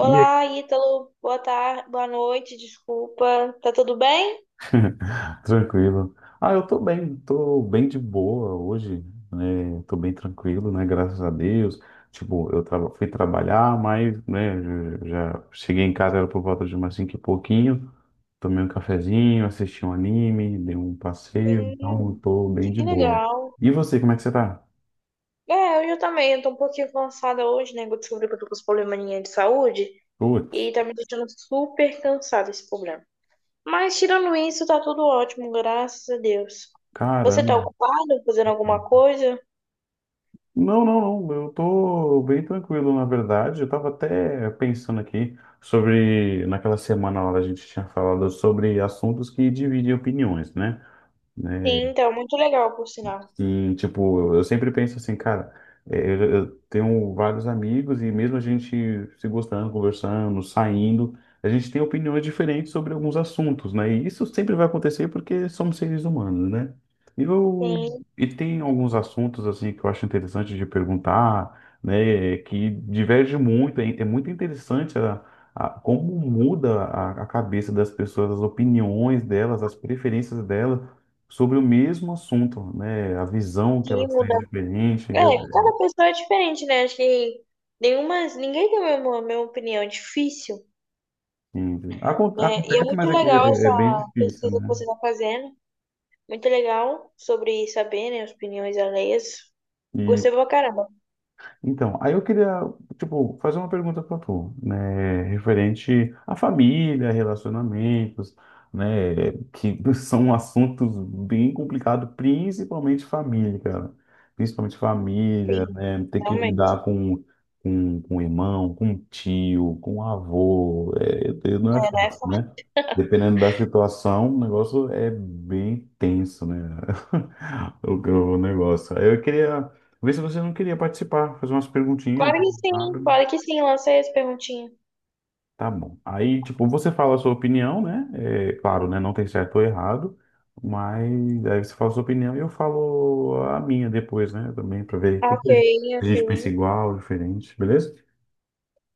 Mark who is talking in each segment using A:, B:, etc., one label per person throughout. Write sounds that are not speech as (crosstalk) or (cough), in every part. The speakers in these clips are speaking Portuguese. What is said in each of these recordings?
A: E aí?
B: Ítalo. Boa tarde, boa noite, desculpa. Tá tudo bem?
A: (laughs) Tranquilo. Ah, eu tô bem de boa hoje, tô bem tranquilo, né? Graças a Deus. Tipo, eu fui trabalhar, mas, né, já já cheguei em casa, era por volta de umas cinco e pouquinho. Tomei um cafezinho, assisti um anime, dei um passeio, então eu
B: Sim,
A: tô bem de
B: que
A: boa.
B: legal.
A: E você, como é que você tá?
B: É, hoje eu também. Eu tô um pouquinho cansada hoje, né? que Eu descobri que eu tô com esse probleminha de saúde
A: Putz,
B: e tá me deixando super cansada esse problema. Mas tirando isso, tá tudo ótimo, graças a Deus. Você tá
A: caramba.
B: ocupado fazendo alguma coisa?
A: Não, não, não. Eu tô bem tranquilo, na verdade. Eu tava até pensando aqui sobre, naquela semana lá a gente tinha falado sobre assuntos que dividem opiniões, né?
B: Sim, então muito legal, por sinal.
A: Sim, tipo, eu sempre penso assim, cara, eu tenho vários amigos e mesmo a gente se gostando, conversando, saindo, a gente tem opiniões diferentes sobre alguns assuntos, né? E isso sempre vai acontecer porque somos seres humanos, né? E, eu,
B: Sim,
A: e tem alguns assuntos, assim, que eu acho interessante de perguntar, né? Que diverge muito, é muito interessante como muda a cabeça das pessoas, as opiniões delas, as preferências delas sobre o mesmo assunto, né? A visão que
B: sim,
A: elas têm
B: muda.
A: é diferente.
B: É, cada pessoa é diferente, né? Acho que nenhuma, ninguém tem a mesma opinião. É difícil.
A: Enfim.
B: Né? E é
A: Acontece, mas
B: muito
A: é,
B: legal
A: é- é bem
B: essa
A: difícil,
B: pesquisa que
A: né?
B: você está fazendo. Muito legal sobre saber, né, as opiniões alheias.
A: E
B: Gostei pra caramba.
A: então, aí eu queria, tipo, fazer uma pergunta para tu, né, referente à família, relacionamentos, né, que (laughs) são assuntos bem complicados, principalmente família, cara. Principalmente família,
B: Sim,
A: né, ter que
B: realmente,
A: lidar com, com irmão, com tio, com avô, não é
B: né? Nessa.
A: fácil, né? Dependendo da situação, o negócio é bem tenso, né? (laughs) O negócio. Aí eu queria vê se você não queria participar, fazer umas perguntinhas,
B: Claro que
A: nada.
B: sim, claro que sim. Lancei as perguntinhas.
A: Tá bom. Aí, tipo, você fala a sua opinião, né? É, claro, né? Não tem certo ou errado, mas aí você fala a sua opinião e eu falo a minha depois, né? Também para ver o
B: Ah,
A: que
B: ok,
A: que a gente a
B: ok.
A: gente pensa igual, diferente, beleza?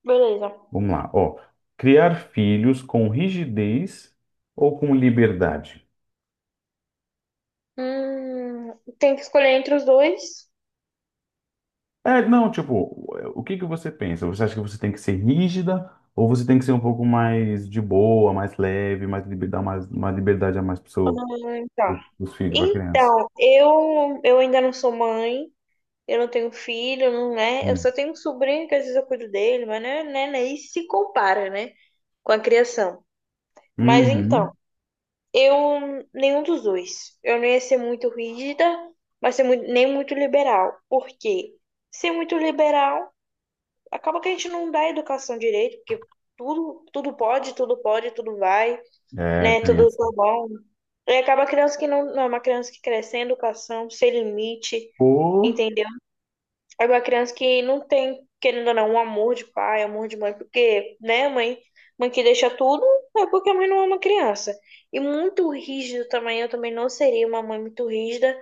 B: Beleza.
A: Vamos lá. Ó, criar filhos com rigidez ou com liberdade?
B: Hum, tem que escolher entre os dois.
A: É, não, tipo, o que que você pensa? Você acha que você tem que ser rígida ou você tem que ser um pouco mais de boa, mais leve, dar mais liberdade a mais para
B: Tá.
A: os filhos, para criança?
B: Então, eu ainda não sou mãe, eu não tenho filho, não, né? Eu
A: Hum.
B: só tenho um sobrinho que às vezes eu cuido dele, mas né, isso se compara, né? Com a criação. Mas então,
A: Uhum.
B: eu nenhum dos dois. Eu não ia ser muito rígida, mas ser nem muito liberal. Por quê? Ser muito liberal, acaba que a gente não dá educação direito, porque tudo, tudo pode, tudo pode, tudo vai,
A: É,
B: né?
A: tem
B: Tudo
A: essa.
B: tá bom. E acaba a criança que não é uma criança que cresce sem educação, sem limite,
A: Pô.
B: entendeu? É uma criança que não tem, querendo ou não, um amor de pai, amor de mãe, porque, né, mãe que deixa tudo é porque a mãe não ama a criança. E muito rígido também, eu também não seria uma mãe muito rígida,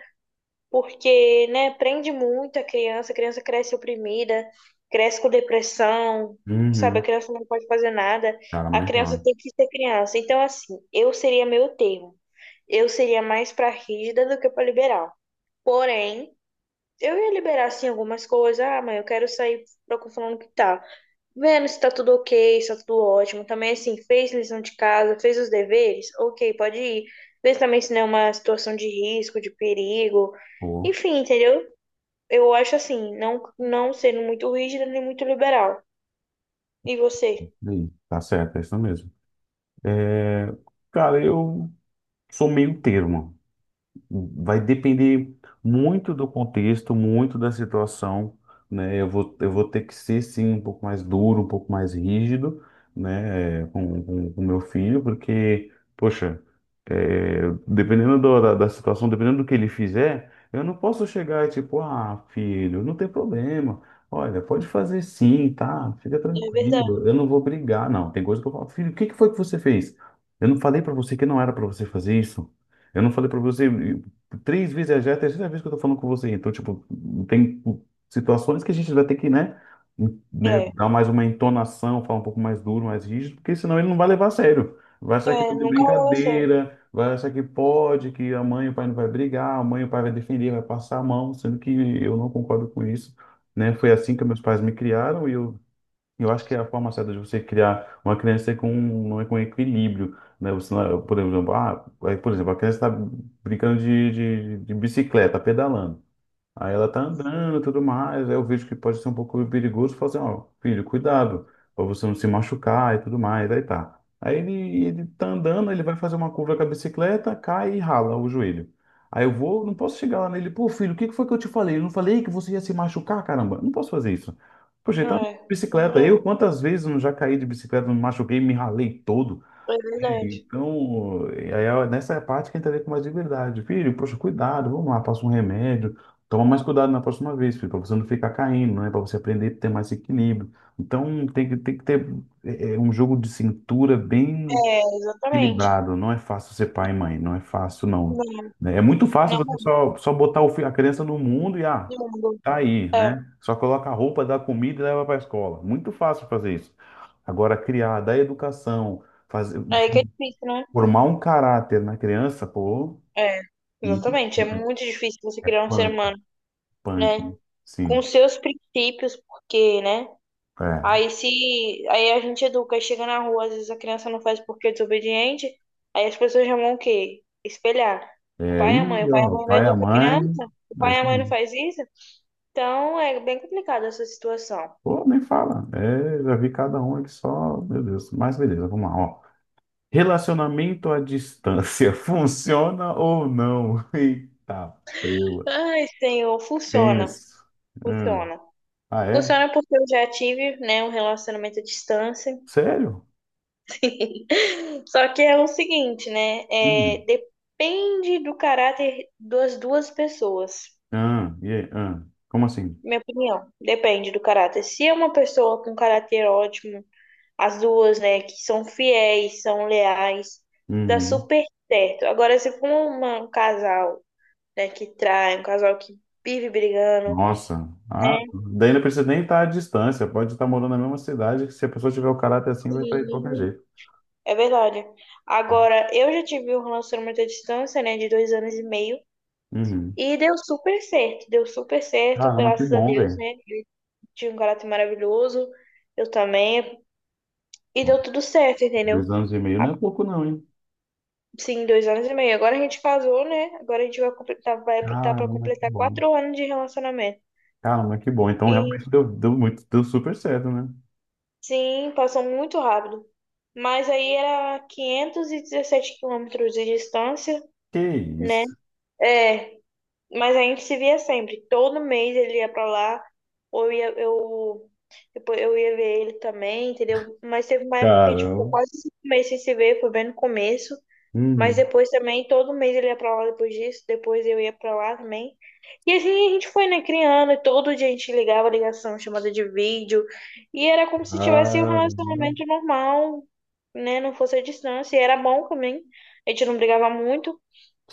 B: porque, né, prende muito a criança cresce oprimida, cresce com depressão, sabe? A
A: Uhum.
B: criança não pode fazer nada,
A: Cara,
B: a
A: mas
B: criança
A: ó,
B: tem que ser criança. Então, assim, eu seria meio termo. Eu seria mais pra rígida do que pra liberal. Porém, eu ia liberar, assim, algumas coisas. Ah, mas eu quero sair falando que tá. Vendo se tá tudo ok, se tá tudo ótimo. Também, assim, fez lição de casa, fez os deveres. Ok, pode ir. Vê também se não é uma situação de risco, de perigo.
A: pô.
B: Enfim, entendeu? Eu acho assim, não sendo muito rígida nem muito liberal. E você?
A: Ih, tá certo, é isso mesmo. Cara, eu sou meio termo. Vai depender muito do contexto, muito da situação, né? Eu vou ter que ser, sim, um pouco mais duro, um pouco mais rígido, né? Com meu filho, porque, poxa, é, dependendo da situação, dependendo do que ele fizer, eu não posso chegar e tipo, ah, filho, não tem problema. Olha, pode fazer sim, tá? Fica
B: É
A: tranquilo,
B: verdade.
A: eu não vou brigar, não. Tem coisa que eu falo, filho, o que que foi que você fez? Eu não falei pra você que não era pra você fazer isso. Eu não falei pra você. Três vezes já é a terceira vez que eu tô falando com você. Então, tipo, tem tipo, situações que a gente vai ter que, né,
B: É.
A: dar mais uma entonação, falar um pouco mais duro, mais rígido, porque senão ele não vai levar a sério. Vai achar que tá
B: É,
A: de
B: nunca levou a sério.
A: brincadeira, vai achar que pode, que a mãe e o pai não vai brigar, a mãe e o pai vai defender, vai passar a mão, sendo que eu não concordo com isso, né? Foi assim que meus pais me criaram e eu acho que é a forma certa de você criar uma criança com um equilíbrio, né? Você, não- é, por exemplo, ah, aí, por exemplo, a criança está brincando de bicicleta, pedalando. Aí ela tá andando e tudo mais. Aí eu vejo que pode ser um pouco perigoso. Eu falo assim, ó, filho, cuidado, pra você não se machucar e tudo mais. Aí tá. Aí ele tá andando, ele vai fazer uma curva com a bicicleta, cai e rala o joelho. Aí não posso chegar lá nele, pô, filho, o que que foi que eu te falei? Eu não falei que você ia se machucar, caramba. Não posso fazer isso. Poxa, ele tá de
B: É.
A: bicicleta.
B: Não,
A: Eu, quantas vezes eu não já caí de bicicleta, me machuquei, me ralei todo.
B: é verdade.
A: Então, aí é nessa parte que a gente tem mais liberdade. Filho, poxa, cuidado, vamos lá, passa um remédio. Toma mais cuidado na próxima vez, filho, para você não ficar caindo, né? Para você aprender a ter mais equilíbrio. Então, tem que ter um jogo de cintura bem
B: É, exatamente.
A: equilibrado. Não é fácil ser pai e mãe, não é fácil, não,
B: Não,
A: né? É muito fácil você
B: não,
A: só botar a criança no mundo e, ah,
B: não.
A: tá aí,
B: É.
A: né? Só coloca a roupa, dá comida e leva para a escola. Muito fácil fazer isso. Agora, criar, dar educação, fazer.
B: Aí que é difícil, né?
A: Formar um caráter na criança, pô,
B: É,
A: e
B: exatamente. É muito difícil você criar um ser
A: punk,
B: humano,
A: punk,
B: né? Com
A: sim.
B: seus princípios, porque, né?
A: É,
B: Aí se aí a gente educa, aí chega na rua, às vezes a criança não faz porque é desobediente, aí as pessoas chamam o quê? Espelhar. O
A: é,
B: pai e a mãe, o
A: e
B: pai e a
A: ó, o
B: mãe não
A: pai, a
B: educa a
A: mãe,
B: criança, o
A: é
B: pai e a
A: isso
B: mãe não
A: mesmo.
B: faz isso. Então é bem complicada essa situação.
A: Pô, nem fala. É, já vi cada um aqui só, meu Deus. Mas beleza, vamos lá, ó. Relacionamento à distância, (laughs) funciona ou não? (laughs) Eita, preula.
B: Ai, Senhor, funciona,
A: Tenso. Hum.
B: funciona.
A: Ah, é?
B: Funciona porque eu já tive, né, um relacionamento à distância.
A: Sério?
B: (laughs) Só que é o seguinte, né? É,
A: Hum.
B: depende do caráter das duas pessoas.
A: Ah, e aí? Ah, como assim?
B: Minha opinião, depende do caráter. Se é uma pessoa com caráter ótimo, as duas, né, que são fiéis, são leais, dá
A: Uhum.
B: super certo. Agora, se for um casal, né, que trai, um casal que vive brigando,
A: Nossa, ah,
B: né,
A: daí não precisa nem estar à distância, pode estar morando na mesma cidade, que se a pessoa tiver o caráter assim, vai estar de qualquer
B: que-
A: jeito.
B: é verdade. Agora, eu já tive um relacionamento à distância, né, de 2 anos e meio.
A: Uhum.
B: E deu super certo,
A: Caramba, que
B: graças a
A: bom,
B: Deus,
A: velho.
B: né? Ele tinha um caráter maravilhoso, eu também. E deu tudo certo, entendeu?
A: 2 anos e meio não é pouco não, hein?
B: Sim, 2 anos e meio. Agora a gente casou, né? Agora a gente vai completar, tá, vai tá pra
A: Caramba, que
B: completar
A: bom.
B: 4 anos de relacionamento.
A: Caramba, que bom. Então
B: E
A: realmente deu, deu muito, deu super certo, né?
B: sim, passou muito rápido. Mas aí era 517 quilômetros de distância,
A: Que
B: né?
A: isso.
B: É, mas a gente se via sempre. Todo mês ele ia pra lá, ou eu ia, depois eu ia ver ele também, entendeu? Mas teve uma época que a gente ficou
A: Caramba.
B: quase 5 meses sem se ver, foi bem no começo. Mas
A: Uhum.
B: depois também, todo mês ele ia pra lá depois disso, depois eu ia pra lá também. E assim a gente foi, né, criando, e todo dia a gente ligava ligação, chamada de vídeo, e era como se tivesse um
A: Caramba.
B: relacionamento normal, né, não fosse a distância, e era bom também, a gente não brigava muito,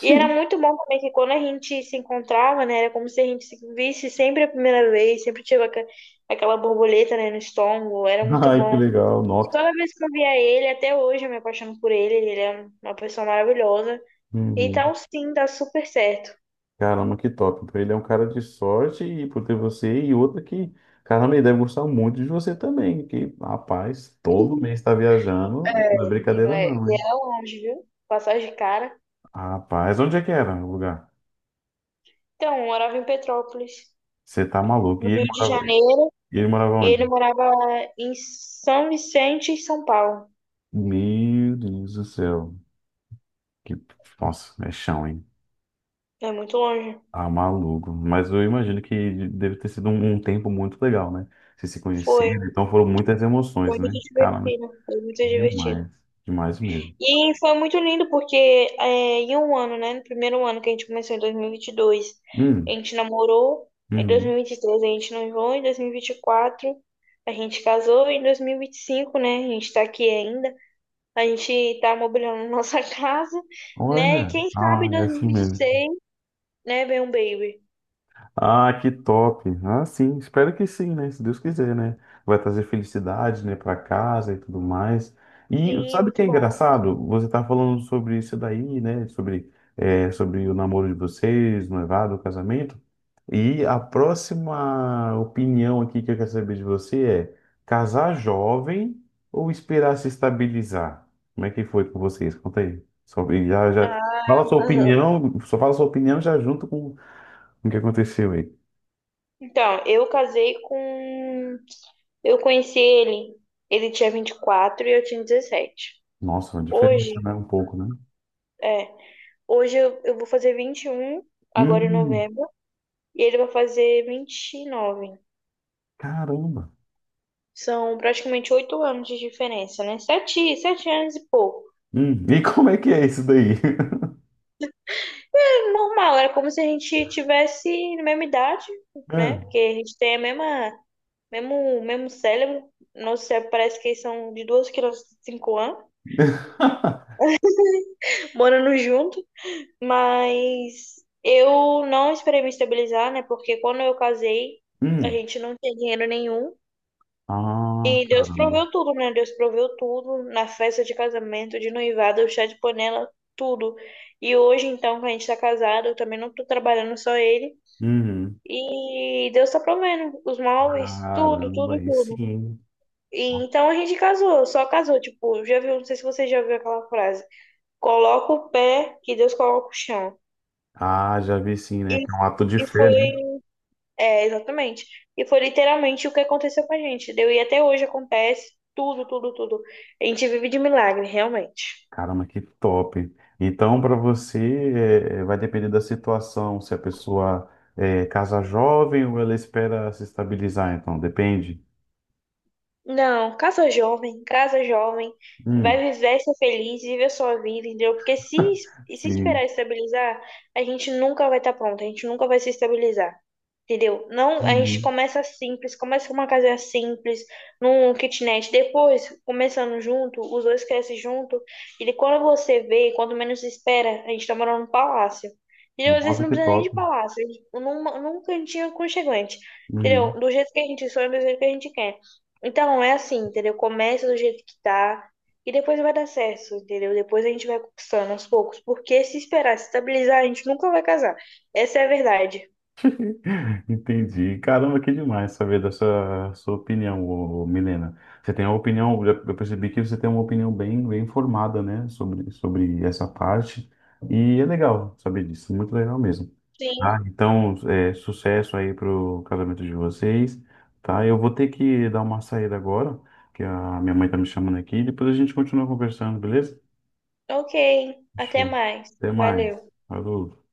B: e era muito bom também que quando a gente se encontrava, né? Era como se a gente se visse sempre a primeira vez, sempre tinha aquela borboleta, né, no estômago, era muito
A: Ai, que
B: bom.
A: legal.
B: E toda
A: Nossa.
B: vez que eu via ele, até hoje eu me apaixono por ele, ele é uma pessoa maravilhosa.
A: Uhum.
B: Então, sim, dá super certo.
A: Caramba, que top. Então ele é um cara de sorte e por ter você e outra que, caramba, ele deve gostar muito de você também, que, rapaz, todo mês tá viajando, não é
B: É, menino,
A: brincadeira
B: é,
A: não,
B: e
A: hein?
B: era longe, viu? Passagem de cara.
A: Rapaz, onde é que era o lugar?
B: Então, eu morava em Petrópolis,
A: Você tá maluco. E
B: no Rio
A: ele
B: de
A: morava, e
B: Janeiro,
A: ele morava
B: e ele
A: onde?
B: morava em São Vicente, em São Paulo.
A: Meu Deus do céu. Que, nossa, é chão, hein?
B: É muito longe.
A: Ah, maluco. Mas eu imagino que deve ter sido um tempo muito legal, né? Vocês se
B: Foi.
A: conheceram, então foram muitas emoções,
B: Foi muito
A: né? Caramba,
B: divertido, foi muito
A: que demais.
B: divertido.
A: Demais mesmo.
B: E foi muito lindo porque é, em um ano, né? No primeiro ano que a gente começou, em 2022, a
A: Hum,
B: gente namorou. Em
A: uhum.
B: 2023 a gente noivou, em 2024 a gente casou, em 2025, né? A gente tá aqui ainda. A gente tá mobiliando nossa (laughs) casa, né? E
A: Olha,
B: quem sabe
A: ah,
B: em
A: é assim mesmo.
B: 2026, né? Vem um baby.
A: Ah, que top. Ah, sim, espero que sim, né? Se Deus quiser, né? Vai trazer felicidade, né, para casa e tudo mais. E
B: Sim, é
A: sabe o que
B: muito
A: é
B: bom.
A: engraçado? Você tá falando sobre isso daí, né? Sobre o namoro de vocês, noivado, o casamento. E a próxima opinião aqui que eu quero saber de você é casar jovem ou esperar se estabilizar? Como é que foi com vocês? Conta aí. Sobre, já, já,
B: Ah,
A: fala sua
B: (laughs)
A: opinião, só fala sua opinião já junto com o que aconteceu aí.
B: Então, eu casei com. Eu conheci ele, ele tinha 24 e eu tinha 17.
A: Nossa, uma
B: Hoje,
A: diferença, né? Um pouco, né?
B: é. Hoje eu vou fazer 21 agora em
A: Hum,
B: novembro, e ele vai fazer 29.
A: caramba.
B: São praticamente 8 anos de diferença, né? Sete, 7 anos e pouco.
A: E como é que é isso daí? (laughs)
B: É normal, era como se a gente tivesse na mesma idade, né?
A: Hum.
B: Porque a gente tem mesmo cérebro. Nosso cérebro parece que são de duas crianças de 5 anos,
A: (laughs)
B: morando junto. Mas eu não esperei me estabilizar, né? Porque quando eu casei, a
A: Hum.
B: gente não tinha dinheiro nenhum.
A: Ah,
B: E Deus
A: caramba.
B: proveu tudo, né? Deus proveu tudo na festa de casamento, de noivado, o chá de panela, tudo. E hoje, então, que a gente tá casado, eu também não tô trabalhando só ele.
A: Uhum.
B: E Deus tá provendo os móveis, tudo,
A: Caramba,
B: tudo,
A: aí
B: tudo.
A: sim.
B: E então a gente casou, só casou. Tipo, já viu, não sei se você já viu aquela frase: coloca o pé que Deus coloca o chão.
A: Ah, já vi sim, né?
B: E,
A: Que é um ato de
B: e
A: fé, né?
B: foi. É, exatamente. E foi literalmente o que aconteceu com a gente, deu? E até hoje acontece tudo, tudo, tudo. A gente vive de milagre, realmente.
A: Caramba, que top. Então, para você, vai depender da situação, se a pessoa casa jovem ou ela espera se estabilizar, então, depende.
B: Não, casa jovem, vai
A: Hum,
B: viver, ser feliz, viver a sua vida, entendeu? Porque se
A: sim.
B: esperar estabilizar, a gente nunca vai estar pronto, a gente nunca vai se estabilizar, entendeu? Não, a gente
A: Uhum.
B: começa simples, começa com uma casa simples, num kitnet, depois, começando junto, os dois crescem junto, e de quando você vê, quando menos espera, a gente tá morando num palácio. Entendeu? Às vezes
A: Nossa,
B: não
A: que
B: precisa nem de
A: top.
B: palácio, num cantinho aconchegante, entendeu?
A: Uhum.
B: Do jeito que a gente sonha, do jeito que a gente quer. Então, é assim, entendeu? Começa do jeito que tá e depois vai dar certo, entendeu? Depois a gente vai conquistando aos poucos, porque se esperar se estabilizar, a gente nunca vai casar. Essa é a verdade.
A: Entendi. Caramba, que demais saber dessa sua opinião, ô, ô, Milena. Você tem uma opinião, eu percebi que você tem uma opinião bem, bem formada, né, sobre, sobre essa parte. E é legal saber disso, muito legal mesmo. Ah,
B: Sim.
A: então, sucesso aí pro casamento de vocês, tá? Eu vou ter que dar uma saída agora, que a minha mãe tá me chamando aqui. Depois a gente continua conversando, beleza?
B: Ok, até
A: Show.
B: mais.
A: Até mais.
B: Valeu.
A: Falou.